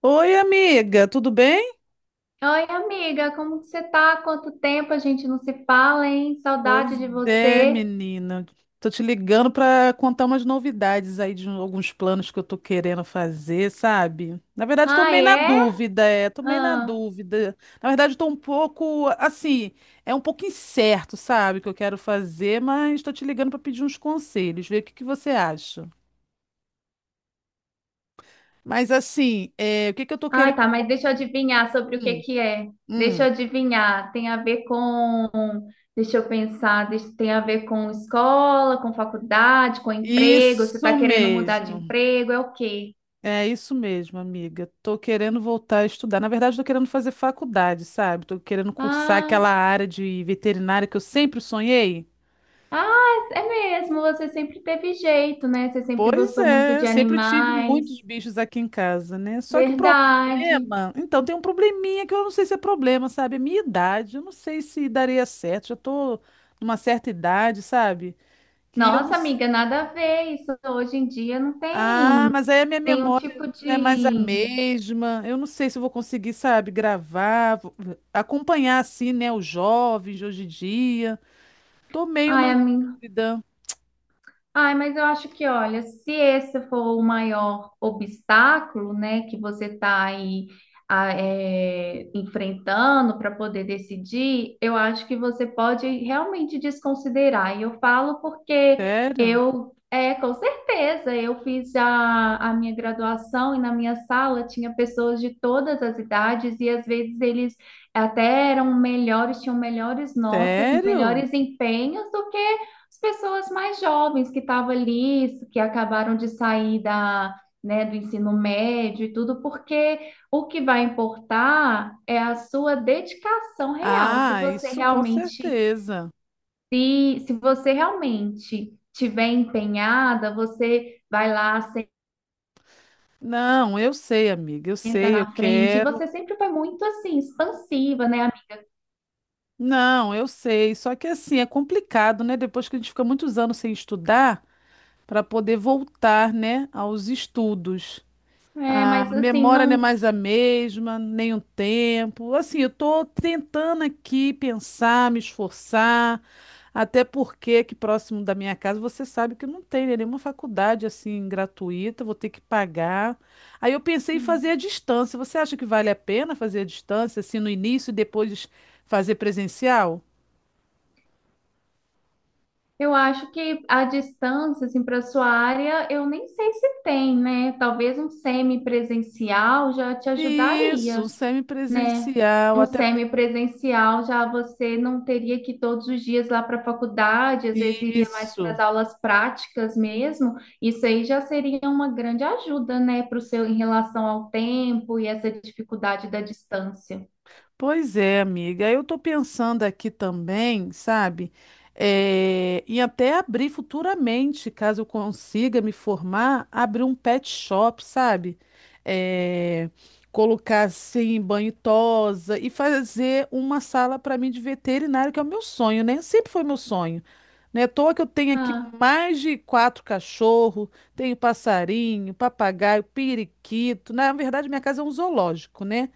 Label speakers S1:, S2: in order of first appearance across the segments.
S1: Oi, amiga, tudo bem?
S2: Oi, amiga, como que você tá? Quanto tempo a gente não se fala, hein?
S1: Pois
S2: Saudade de
S1: é,
S2: você.
S1: menina. Tô te ligando pra contar umas novidades aí de alguns planos que eu tô querendo fazer, sabe? Na verdade, tô meio
S2: Ai,
S1: na
S2: é?
S1: dúvida, é, tô meio na
S2: Ah.
S1: dúvida. Na verdade, tô um pouco, assim, é um pouco incerto, sabe, o que eu quero fazer, mas tô te ligando pra pedir uns conselhos, ver o que que você acha. Mas assim, é, o que que eu tô
S2: Ai,
S1: querendo?
S2: tá, mas deixa eu adivinhar sobre o que
S1: Hum,
S2: que é. Deixa eu
S1: hum.
S2: adivinhar. Tem a ver com... Deixa eu pensar. Tem a ver com escola, com faculdade, com emprego. Você tá
S1: Isso
S2: querendo mudar de
S1: mesmo.
S2: emprego? É o quê?
S1: É isso mesmo, amiga. Tô querendo voltar a estudar. Na verdade, tô querendo fazer faculdade, sabe? Tô querendo cursar
S2: Ah,
S1: aquela área de veterinária que eu sempre sonhei.
S2: ah, é mesmo. Você sempre teve jeito, né? Você sempre
S1: Pois
S2: gostou muito
S1: é,
S2: de
S1: sempre eu tive
S2: animais.
S1: muitos bichos aqui em casa, né? Só que o
S2: Verdade.
S1: problema, então tem um probleminha que eu não sei se é problema, sabe? A minha idade, eu não sei se daria certo. Já tô numa certa idade, sabe? Que eu não.
S2: Nossa, amiga, nada a ver. Isso hoje em dia não
S1: Ah,
S2: tem
S1: mas aí a minha
S2: nenhum
S1: memória
S2: tipo
S1: não é mais a
S2: de.
S1: mesma. Eu não sei se eu vou conseguir, sabe, gravar, acompanhar assim, né, os jovens de hoje em dia. Tô meio na
S2: Ai, amiga.
S1: dúvida.
S2: Ai, mas eu acho que, olha, se esse for o maior obstáculo, né, que você está aí enfrentando para poder decidir, eu acho que você pode realmente desconsiderar. E eu falo porque
S1: Sério?
S2: eu, com certeza, eu fiz já a minha graduação e na minha sala tinha pessoas de todas as idades e às vezes eles até eram melhores, tinham melhores notas,
S1: Sério?
S2: melhores empenhos do que as pessoas mais jovens que estavam ali, que acabaram de sair da, né, do ensino médio e tudo, porque o que vai importar é a sua dedicação real. Se
S1: Ah,
S2: você
S1: isso com
S2: realmente,
S1: certeza.
S2: se você realmente tiver empenhada, você vai lá,
S1: Não, eu sei, amiga, eu
S2: senta
S1: sei, eu
S2: na frente, e
S1: quero.
S2: você sempre foi muito assim, expansiva, né?
S1: Não, eu sei. Só que assim, é complicado, né? Depois que a gente fica muitos anos sem estudar, para poder voltar, né, aos estudos.
S2: É,
S1: A
S2: mas assim,
S1: memória não é
S2: não.
S1: mais a mesma, nem o tempo. Assim, eu estou tentando aqui pensar, me esforçar, até porque aqui próximo da minha casa você sabe que não tem, né, nenhuma faculdade assim gratuita, vou ter que pagar. Aí eu pensei em fazer a distância. Você acha que vale a pena fazer a distância, assim, no início e depois fazer presencial?
S2: Eu acho que a distância, assim, para sua área, eu nem sei se tem, né? Talvez um semipresencial já te
S1: Isso,
S2: ajudaria,
S1: um
S2: né?
S1: semipresencial,
S2: Um
S1: até
S2: semipresencial já você não teria que ir todos os dias lá para a faculdade, às vezes iria mais para
S1: isso.
S2: as aulas práticas mesmo. Isso aí já seria uma grande ajuda, né, para o seu em relação ao tempo e essa dificuldade da distância.
S1: Pois é, amiga. Eu tô pensando aqui também, sabe? É, em até abrir futuramente, caso eu consiga me formar, abrir um pet shop, sabe? É, colocar assim banho e tosa e fazer uma sala para mim de veterinário, que é o meu sonho, né? Sempre foi meu sonho. Não é à toa que eu tenho aqui
S2: Ah.
S1: mais de 4 cachorros, tenho passarinho, papagaio, periquito. Na verdade, minha casa é um zoológico, né?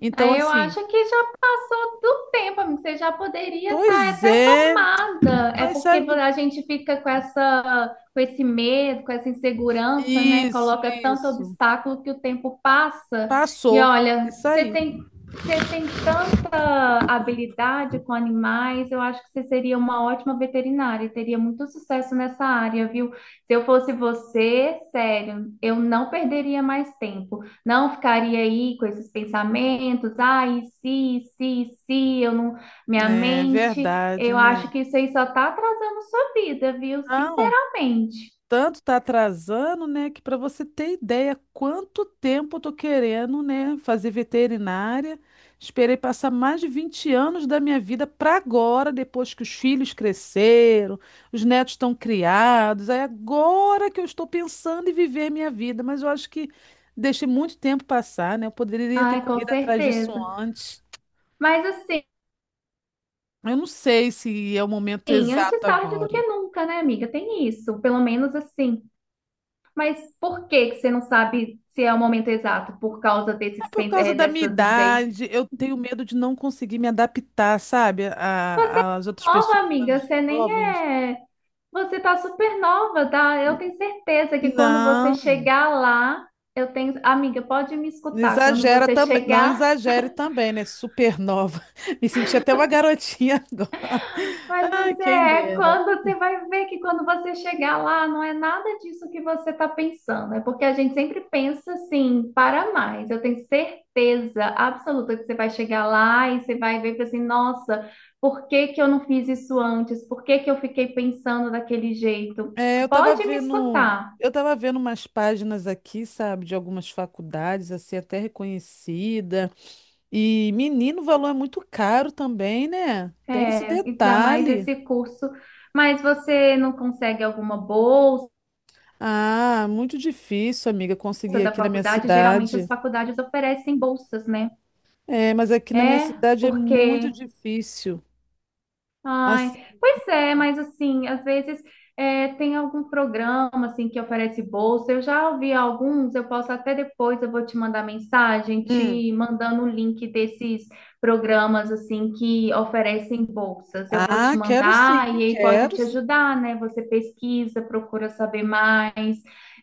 S1: Então,
S2: Aí eu
S1: assim.
S2: acho que já passou do tempo, amigo. Você já poderia estar
S1: Pois
S2: até
S1: é,
S2: formada. É
S1: mas
S2: porque
S1: sabe do...
S2: a gente fica com essa, com esse medo, com essa insegurança, né?
S1: Isso,
S2: Coloca tanto
S1: isso.
S2: obstáculo que o tempo passa. E
S1: Passou.
S2: olha,
S1: Isso aí.
S2: você tem tanta habilidade com animais. Eu acho que você seria uma ótima veterinária. E Teria muito sucesso nessa área, viu? Se eu fosse você, sério, eu não perderia mais tempo. Não ficaria aí com esses pensamentos, ai, se, eu não, minha
S1: É
S2: mente,
S1: verdade,
S2: eu
S1: né?
S2: acho que isso aí só tá atrasando sua vida, viu?
S1: Não,
S2: Sinceramente.
S1: tanto tá atrasando, né, que para você ter ideia quanto tempo eu tô querendo, né, fazer veterinária. Esperei passar mais de 20 anos da minha vida para agora, depois que os filhos cresceram, os netos estão criados. É agora que eu estou pensando em viver minha vida, mas eu acho que deixei muito tempo passar, né? Eu poderia ter
S2: Ai, com
S1: corrido atrás disso
S2: certeza.
S1: antes.
S2: Mas assim,
S1: Eu não sei se é o momento
S2: antes
S1: exato
S2: tarde do que
S1: agora.
S2: nunca, né, amiga? Tem isso, pelo menos assim. Mas por que que você não sabe se é o momento exato? Por causa
S1: É
S2: desses,
S1: por causa da minha
S2: dessa dúvida aí?
S1: idade, eu tenho medo de não conseguir me adaptar, sabe, às outras
S2: Nova,
S1: pessoas
S2: amiga,
S1: mais
S2: você nem
S1: jovens.
S2: é. Você está super nova, tá? Eu tenho certeza que quando você
S1: Não,
S2: chegar lá, eu tenho. Amiga, pode me escutar. Quando
S1: exagera
S2: você
S1: também, não
S2: chegar,
S1: exagere também, né? Supernova. Me senti até uma garotinha agora.
S2: mas
S1: Ai,
S2: você
S1: quem
S2: é.
S1: dera.
S2: Quando você vai ver que quando você chegar lá, não é nada disso que você está pensando. É porque a gente sempre pensa assim, para mais. Eu tenho certeza absoluta que você vai chegar lá e você vai ver e fala assim, nossa, por que que eu não fiz isso antes? Por que que eu fiquei pensando daquele jeito?
S1: É,
S2: Pode me escutar.
S1: eu tava vendo umas páginas aqui, sabe, de algumas faculdades, assim, até reconhecida. E menino, o valor é muito caro também, né? Tem esse
S2: É, ainda mais
S1: detalhe.
S2: esse curso. Mas você não consegue alguma bolsa
S1: Ah, muito difícil, amiga, conseguir
S2: da
S1: aqui na minha
S2: faculdade? Geralmente as
S1: cidade.
S2: faculdades oferecem bolsas, né?
S1: É, mas aqui na minha
S2: É,
S1: cidade é muito
S2: porque
S1: difícil.
S2: ai,
S1: Assim,
S2: pois é, mas assim, às vezes tem algum programa assim que oferece bolsa. Eu já ouvi alguns, eu posso até depois, eu vou te mandar mensagem,
S1: hum.
S2: te mandando o link desses programas assim que oferecem bolsas. Eu vou
S1: Ah,
S2: te mandar e aí pode
S1: quero,
S2: te
S1: sim,
S2: ajudar, né? Você pesquisa, procura saber mais.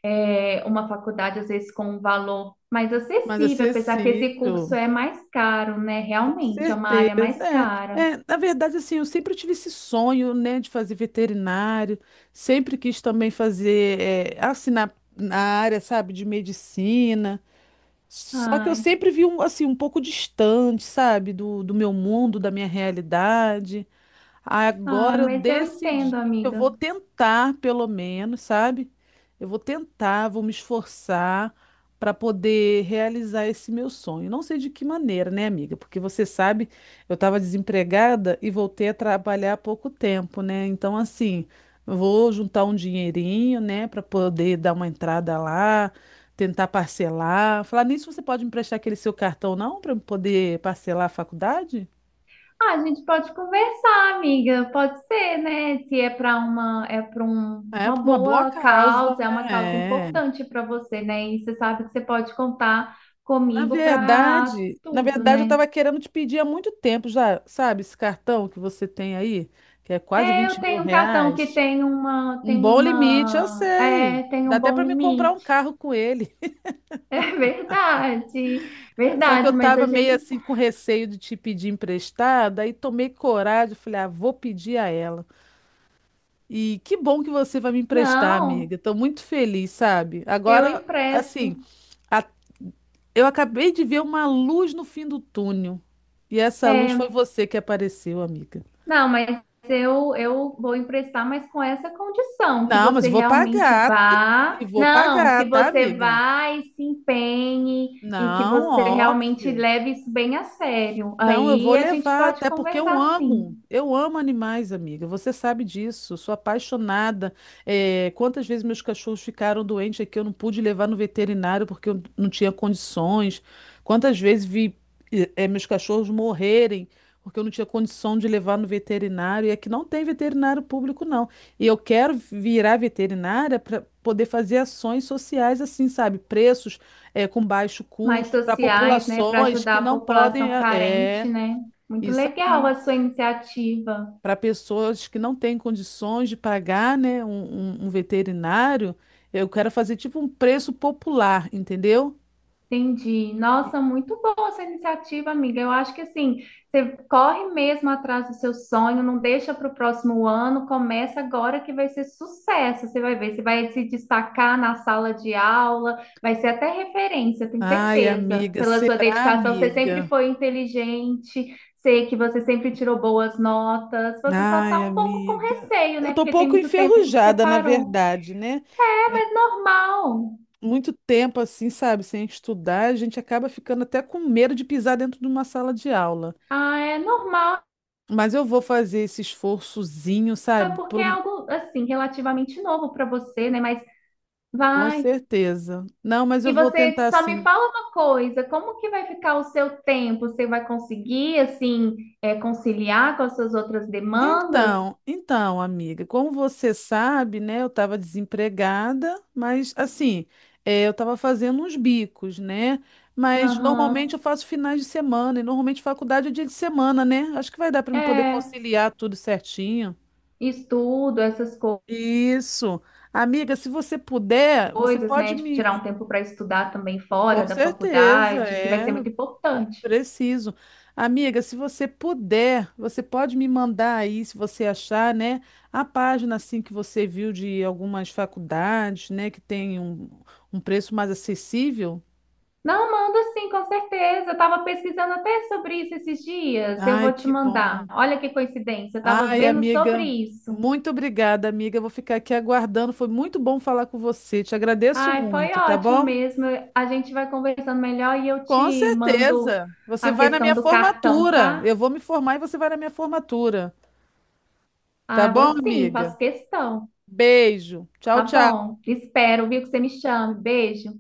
S2: É, uma faculdade às vezes com um valor mais
S1: mas
S2: acessível, apesar que esse curso
S1: acessível,
S2: é mais caro, né?
S1: com
S2: Realmente é uma área
S1: certeza.
S2: mais
S1: É,
S2: cara.
S1: é, na verdade, assim, eu sempre tive esse sonho, né, de fazer veterinário, sempre quis também fazer, é, assim, na área, sabe, de medicina. Só que eu
S2: Ai.
S1: sempre vi, um, assim, um pouco distante, sabe, do meu mundo, da minha realidade.
S2: Ah,
S1: Agora eu
S2: mas eu
S1: decidi
S2: entendo,
S1: que eu
S2: amiga.
S1: vou tentar, pelo menos, sabe? Eu vou tentar, vou me esforçar para poder realizar esse meu sonho. Não sei de que maneira, né, amiga? Porque você sabe, eu estava desempregada e voltei a trabalhar há pouco tempo, né? Então, assim, eu vou juntar um dinheirinho, né, para poder dar uma entrada lá, tentar parcelar. Falar nisso, você pode emprestar aquele seu cartão, não, para eu poder parcelar a faculdade?
S2: Ah, a gente pode conversar, amiga. Pode ser, né? Se é para uma, é para um,
S1: É,
S2: uma
S1: por uma boa
S2: boa
S1: causa,
S2: causa, é uma causa
S1: né? É.
S2: importante para você, né? E você sabe que você pode contar comigo para
S1: Na
S2: tudo,
S1: verdade, eu
S2: né?
S1: estava querendo te pedir há muito tempo já, sabe, esse cartão que você tem aí, que é quase
S2: É, eu
S1: vinte mil
S2: tenho um cartão que
S1: reais.
S2: tem uma,
S1: Um
S2: tem
S1: bom limite, eu
S2: uma,
S1: sei.
S2: tem
S1: Dá
S2: um
S1: até
S2: bom
S1: para me comprar um
S2: limite.
S1: carro com ele.
S2: É verdade,
S1: Só que eu
S2: verdade. Mas a
S1: estava meio
S2: gente,
S1: assim com receio de te pedir emprestado, aí tomei coragem, falei, ah, vou pedir a ela. E que bom que você vai me emprestar, amiga.
S2: não,
S1: Estou muito feliz, sabe?
S2: eu
S1: Agora,
S2: empresto.
S1: assim. A-. Eu acabei de ver uma luz no fim do túnel. E essa luz foi
S2: É,
S1: você que apareceu, amiga.
S2: não, mas eu vou emprestar, mas com essa condição, que
S1: Não, mas
S2: você
S1: vou
S2: realmente
S1: pagar.
S2: vá,
S1: E vou
S2: não,
S1: pagar,
S2: que
S1: tá,
S2: você
S1: amiga?
S2: vá e se empenhe e que
S1: Não,
S2: você realmente
S1: óbvio.
S2: leve isso bem a sério.
S1: Não, eu vou
S2: Aí a gente
S1: levar,
S2: pode
S1: até porque
S2: conversar sim,
S1: eu amo animais, amiga. Você sabe disso, sou apaixonada. É, quantas vezes meus cachorros ficaram doentes aqui, eu não pude levar no veterinário porque eu não tinha condições. Quantas vezes vi, meus cachorros morrerem porque eu não tinha condição de levar no veterinário. E aqui não tem veterinário público, não. E eu quero virar veterinária para poder fazer ações sociais assim, sabe? Preços é, com baixo
S2: mais
S1: custo, para
S2: sociais, né, para
S1: populações que
S2: ajudar a
S1: não podem.
S2: população
S1: É,
S2: carente,
S1: é,
S2: né? Muito
S1: isso
S2: legal
S1: aí.
S2: a sua iniciativa.
S1: Para pessoas que não têm condições de pagar, né, um, um veterinário, eu quero fazer tipo um preço popular, entendeu?
S2: Entendi. Nossa, muito boa essa iniciativa, amiga. Eu acho que assim, você corre mesmo atrás do seu sonho, não deixa para o próximo ano, começa agora que vai ser sucesso. Você vai ver, você vai se destacar na sala de aula, vai ser até referência, tenho
S1: Ai,
S2: certeza.
S1: amiga,
S2: Pela sua
S1: será,
S2: dedicação, você sempre
S1: amiga?
S2: foi inteligente, sei que você sempre tirou boas notas. Você só tá
S1: Ai,
S2: um pouco com
S1: amiga.
S2: receio,
S1: Eu
S2: né?
S1: tô um
S2: Porque tem
S1: pouco
S2: muito tempo que você
S1: enferrujada, na
S2: parou.
S1: verdade, né?
S2: É mas normal.
S1: Muito tempo assim, sabe, sem estudar, a gente acaba ficando até com medo de pisar dentro de uma sala de aula.
S2: Ah, é normal.
S1: Mas eu vou fazer esse esforçozinho,
S2: É
S1: sabe?
S2: porque é algo assim relativamente novo para você, né? Mas
S1: Com
S2: vai.
S1: certeza. Não, mas eu
S2: E
S1: vou
S2: você
S1: tentar
S2: só me
S1: sim.
S2: fala uma coisa, como que vai ficar o seu tempo? Você vai conseguir assim conciliar com as suas outras demandas?
S1: Então, amiga, como você sabe, né, eu estava desempregada, mas assim, eu estava fazendo uns bicos, né? Mas normalmente
S2: Aham.
S1: eu faço finais de semana e normalmente faculdade é dia de semana, né? Acho que vai dar para me poder
S2: É,
S1: conciliar tudo certinho.
S2: estudo,
S1: Isso. Amiga, se você puder, você
S2: coisas,
S1: pode
S2: né? Tipo, tirar um
S1: me.
S2: tempo para estudar também fora
S1: Com
S2: da
S1: certeza,
S2: faculdade, que vai
S1: é.
S2: ser muito importante.
S1: Preciso. Amiga, se você puder, você pode me mandar aí, se você achar, né, a página assim que você viu de algumas faculdades, né, que tem um, um preço mais acessível.
S2: Não, manda sim, com certeza. Eu estava pesquisando até sobre isso esses dias. Eu
S1: Ai,
S2: vou te
S1: que
S2: mandar.
S1: bom.
S2: Olha que coincidência, eu estava
S1: Ai,
S2: vendo sobre
S1: amiga,
S2: isso.
S1: muito obrigada, amiga. Eu vou ficar aqui aguardando. Foi muito bom falar com você. Te agradeço
S2: Ai, foi
S1: muito, tá
S2: ótimo
S1: bom?
S2: mesmo. A gente vai conversando melhor e eu
S1: Com
S2: te mando
S1: certeza. Você
S2: a
S1: vai na
S2: questão
S1: minha
S2: do cartão,
S1: formatura.
S2: tá?
S1: Eu vou me formar e você vai na minha formatura. Tá
S2: Ah, vou
S1: bom,
S2: sim, faço
S1: amiga?
S2: questão.
S1: Beijo. Tchau,
S2: Tá
S1: tchau.
S2: bom. Espero, viu, que você me chame. Beijo.